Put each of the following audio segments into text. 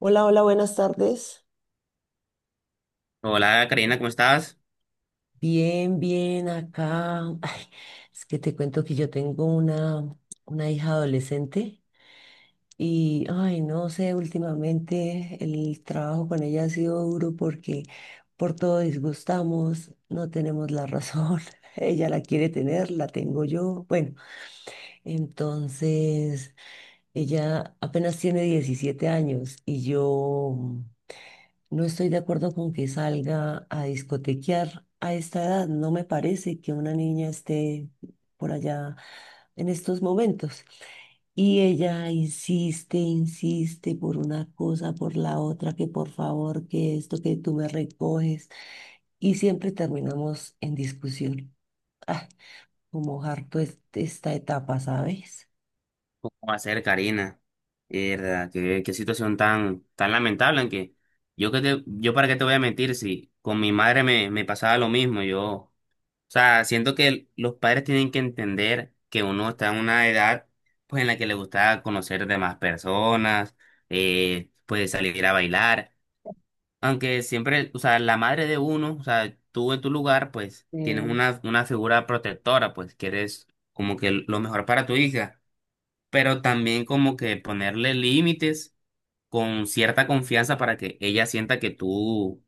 Hola, hola, buenas tardes. Hola Karina, ¿cómo estás? Bien, bien, acá. Ay, es que te cuento que yo tengo una hija adolescente y, ay, no sé, últimamente el trabajo con ella ha sido duro porque por todo disgustamos, no tenemos la razón. Ella la quiere tener, la tengo yo. Bueno, entonces ella apenas tiene 17 años y yo. No estoy de acuerdo con que salga a discotequear a esta edad. No me parece que una niña esté por allá en estos momentos. Y ella insiste, insiste por una cosa, por la otra, que por favor, que esto, que tú me recoges. Y siempre terminamos en discusión. Ah, como harto esta etapa, ¿sabes? ¿Cómo va a ser Karina? Verdad, qué situación tan lamentable, aunque yo para qué te voy a mentir si con mi madre me pasaba lo mismo. Yo, o sea, siento que los padres tienen que entender que uno está en una edad pues en la que le gusta conocer de más personas, pues salir a bailar. Aunque siempre, o sea, la madre de uno, o sea, tú en tu lugar, pues tienes una figura protectora, pues que eres como que lo mejor para tu hija. Pero también como que ponerle límites con cierta confianza para que ella sienta que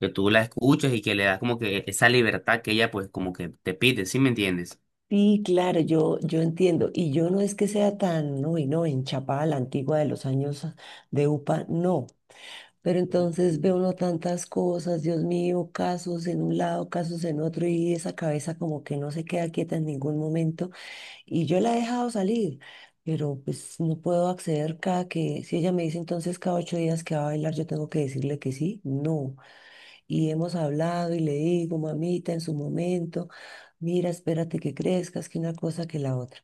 que tú la escuchas y que le das como que esa libertad que ella pues como que te pide, ¿sí me entiendes? Sí, claro, yo entiendo. Y yo no es que sea tan, uy, no, enchapada a la antigua de los años de UPA, no. Pero entonces ve uno tantas cosas, Dios mío, casos en un lado, casos en otro, y esa cabeza como que no se queda quieta en ningún momento. Y yo la he dejado salir, pero pues no puedo acceder cada que, si ella me dice entonces cada 8 días que va a bailar, yo tengo que decirle que sí, no. Y hemos hablado y le digo, mamita, en su momento, mira, espérate que crezcas, que una cosa, que la otra.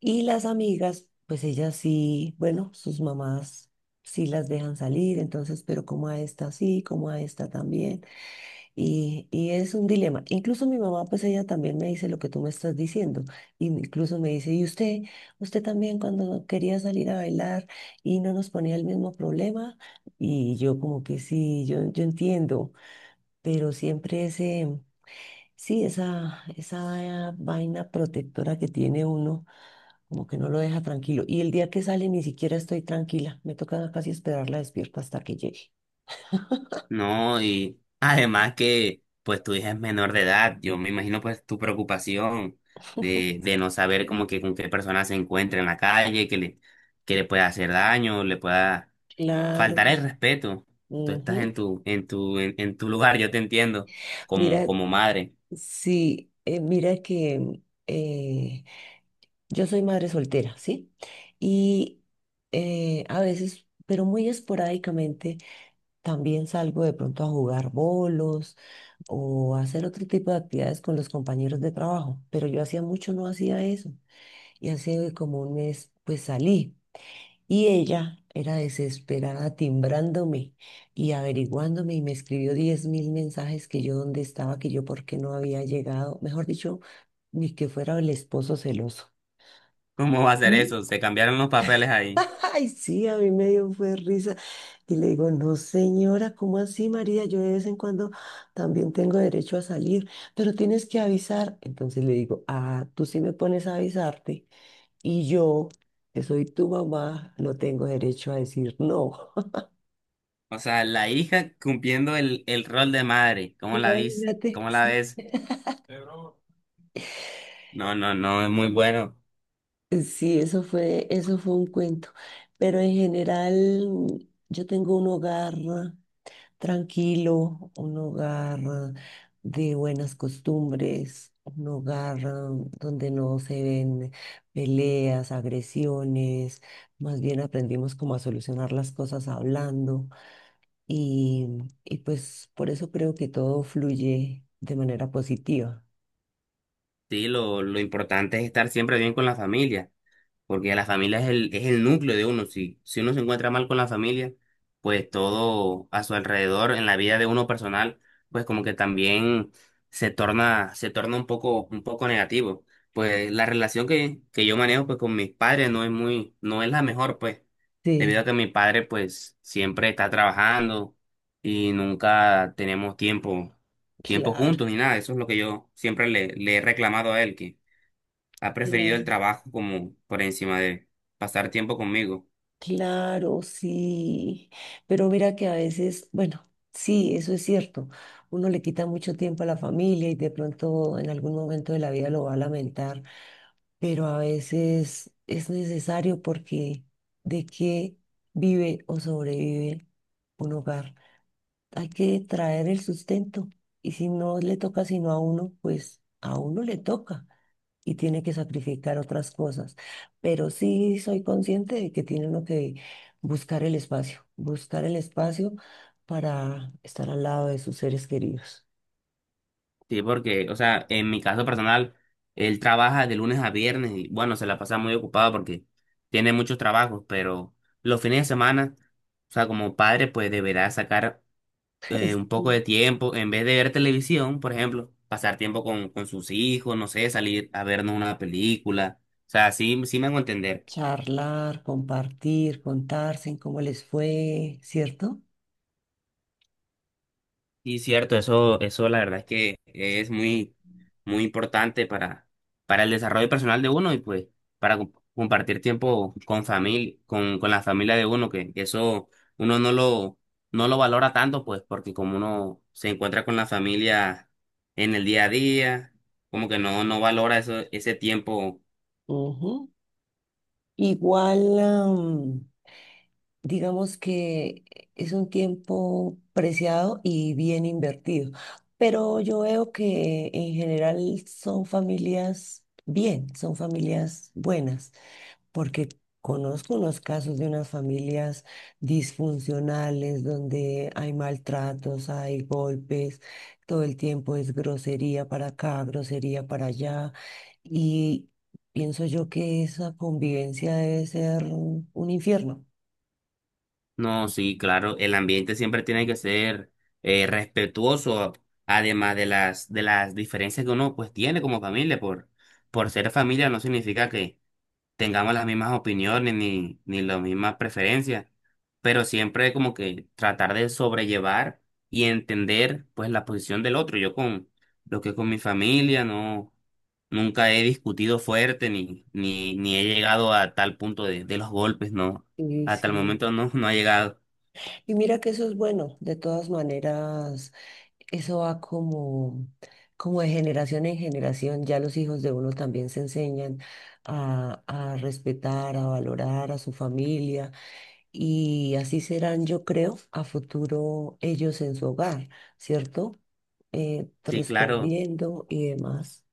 Y las amigas, pues ellas sí, bueno, sus mamás sí las dejan salir, entonces, pero como a esta sí, como a esta también. Y es un dilema. Incluso mi mamá, pues ella también me dice lo que tú me estás diciendo. Y incluso me dice, ¿y usted también cuando quería salir a bailar y no nos ponía el mismo problema? Y yo como que sí, yo entiendo, pero siempre ese, sí, esa vaina protectora que tiene uno, como que no lo deja tranquilo. Y el día que sale ni siquiera estoy tranquila, me toca casi esperarla despierta hasta que llegue. No, y además que pues tu hija es menor de edad, yo me imagino pues tu preocupación de no saber como que con qué persona se encuentra en la calle, que le pueda hacer daño, le pueda faltar Claro. el respeto. Tú estás Ujú. en en tu lugar, yo te entiendo, Mira, como madre. sí, mira que eh, yo soy madre soltera, ¿sí? Y a veces, pero muy esporádicamente. También salgo de pronto a jugar bolos o a hacer otro tipo de actividades con los compañeros de trabajo, pero yo hacía mucho no hacía eso. Y hace como un mes pues salí y ella era desesperada timbrándome y averiguándome y me escribió 10,000 mensajes que yo dónde estaba, que yo por qué no había llegado, mejor dicho, ni que fuera el esposo celoso. ¿Cómo va a ser eso? Se cambiaron los papeles ahí. Ay, sí, a mí me dio fue risa. Y le digo, no, señora, ¿cómo así, María? Yo de vez en cuando también tengo derecho a salir, pero tienes que avisar. Entonces le digo, ah, tú sí me pones a avisarte y yo, que soy tu mamá, no tengo derecho a decir no. O sea, la hija cumpliendo el rol de madre. ¿Cómo la vis? Imagínate. ¿Cómo la Sí. ves? No, no, no, es muy bueno. Sí, eso fue un cuento. Pero en general, yo tengo un hogar. ¿No? Tranquilo, un hogar, de buenas costumbres, un hogar, donde no se ven peleas, agresiones, más bien aprendimos como a solucionar las cosas hablando y, y pues por eso creo que todo fluye de manera positiva. Sí, lo importante es estar siempre bien con la familia. Porque la familia es es el núcleo de uno. Si uno se encuentra mal con la familia, pues todo a su alrededor, en la vida de uno personal, pues como que también se torna un poco negativo. Pues la relación que yo manejo pues con mis padres no es muy, no es la mejor, pues, debido a Sí, que mi padre pues siempre está trabajando y nunca tenemos tiempo claro. juntos ni nada. Eso es lo que yo siempre le he reclamado a él, ha preferido Claro. el trabajo como por encima de pasar tiempo conmigo. Claro, sí, pero mira que a veces, bueno, sí, eso es cierto, uno le quita mucho tiempo a la familia y de pronto en algún momento de la vida lo va a lamentar, pero a veces es necesario porque de qué vive o sobrevive un hogar, hay que traer el sustento. Y si no le toca sino a uno, pues a uno le toca y tiene que sacrificar otras cosas. Pero sí soy consciente de que tiene uno que buscar el espacio para estar al lado de sus seres queridos. Sí, porque, o sea, en mi caso personal, él trabaja de lunes a viernes y bueno, se la pasa muy ocupado porque tiene muchos trabajos, pero los fines de semana, o sea, como padre, pues deberá sacar Es. un poco de tiempo, en vez de ver televisión, por ejemplo, pasar tiempo con sus hijos, no sé, salir a vernos una película. O sea, sí, sí me hago entender. Charlar, compartir, contarse en cómo les fue, ¿cierto? Sí, cierto, eso la verdad es que es muy, muy importante para el desarrollo personal de uno y pues para compartir tiempo con familia, con la familia de uno, que eso uno no lo, no lo valora tanto, pues, porque como uno se encuentra con la familia en el día a día, como que no, no valora eso, ese tiempo. Ujú. Igual, digamos que es un tiempo preciado y bien invertido. Pero yo veo que en general son familias bien, son familias buenas, porque conozco unos casos de unas familias disfuncionales donde hay maltratos, hay golpes, todo el tiempo es grosería para acá, grosería para allá, y pienso yo que esa convivencia debe ser un infierno. No, sí, claro, el ambiente siempre tiene que ser respetuoso, además de de las diferencias que uno pues tiene como familia, por ser familia no significa que tengamos las mismas opiniones ni las mismas preferencias, pero siempre como que tratar de sobrellevar y entender pues la posición del otro. Yo con lo que es con mi familia no, nunca he discutido fuerte ni he llegado a tal punto de los golpes, no, Sí, hasta el sí. momento no, no ha llegado. Y mira que eso es bueno, de todas maneras, eso va como, como de generación en generación, ya los hijos de uno también se enseñan a respetar, a valorar a su familia y así serán, yo creo, a futuro ellos en su hogar, ¿cierto? Sí, claro. Respondiendo y demás.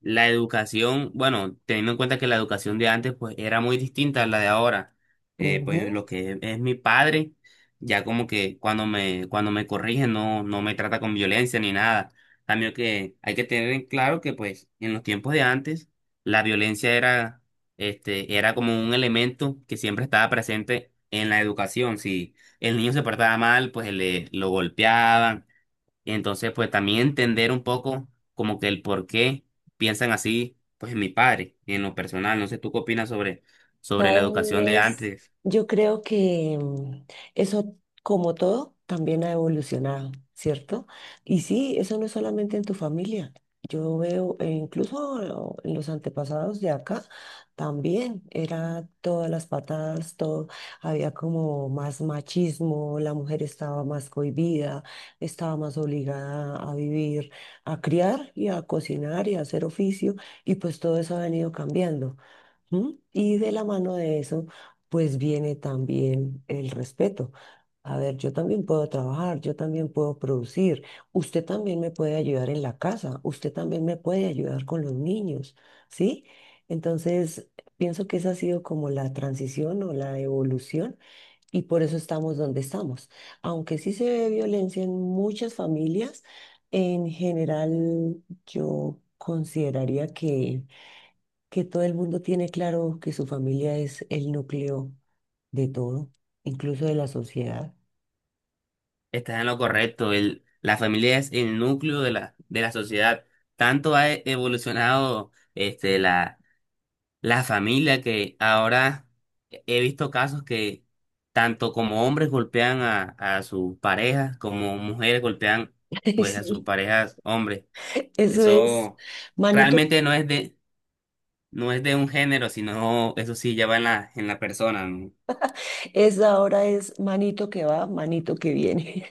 La educación, bueno, teniendo en cuenta que la educación de antes pues era muy distinta a la de ahora. Pues lo que es mi padre, ya como que cuando cuando me corrige no, no me trata con violencia ni nada. Cambio que hay que tener en claro que pues en los tiempos de antes la violencia era, este, era como un elemento que siempre estaba presente en la educación. Si el niño se portaba mal, lo golpeaban y entonces, pues también entender un poco como que el por qué piensan así, pues en mi padre y en lo personal. No sé, ¿tú qué opinas sobre la educación de Sabes, antes? yo creo que eso, como todo, también ha evolucionado, ¿cierto? Y sí, eso no es solamente en tu familia. Yo veo, incluso en los antepasados de acá, también era todas las patadas, todo, había como más machismo, la mujer estaba más cohibida, estaba más obligada a vivir, a criar y a cocinar y a hacer oficio, y pues todo eso ha venido cambiando. ¿Mm? Y de la mano de eso, pues viene también el respeto. A ver, yo también puedo trabajar, yo también puedo producir, usted también me puede ayudar en la casa, usted también me puede ayudar con los niños, ¿sí? Entonces, pienso que esa ha sido como la transición o la evolución y por eso estamos donde estamos. Aunque sí se ve violencia en muchas familias, en general yo consideraría que todo el mundo tiene claro que su familia es el núcleo de todo, incluso de la sociedad. Estás en lo correcto. La familia es el núcleo de de la sociedad. Tanto ha evolucionado este, la familia que ahora he visto casos que tanto como hombres golpean a sus parejas, como mujeres golpean pues a sus Sí. parejas hombres. Eso es, Eso manito, realmente no es no es de un género, sino eso sí ya va en en la persona, ¿no? es ahora es manito que va, manito que viene.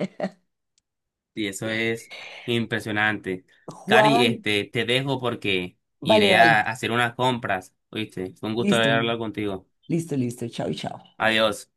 Y eso es impresionante. Cari, Juan, este, te dejo porque vale, iré vale, a hacer unas compras, ¿oíste? Fue un gusto listo, hablar contigo. listo, listo, chao, chao. Adiós.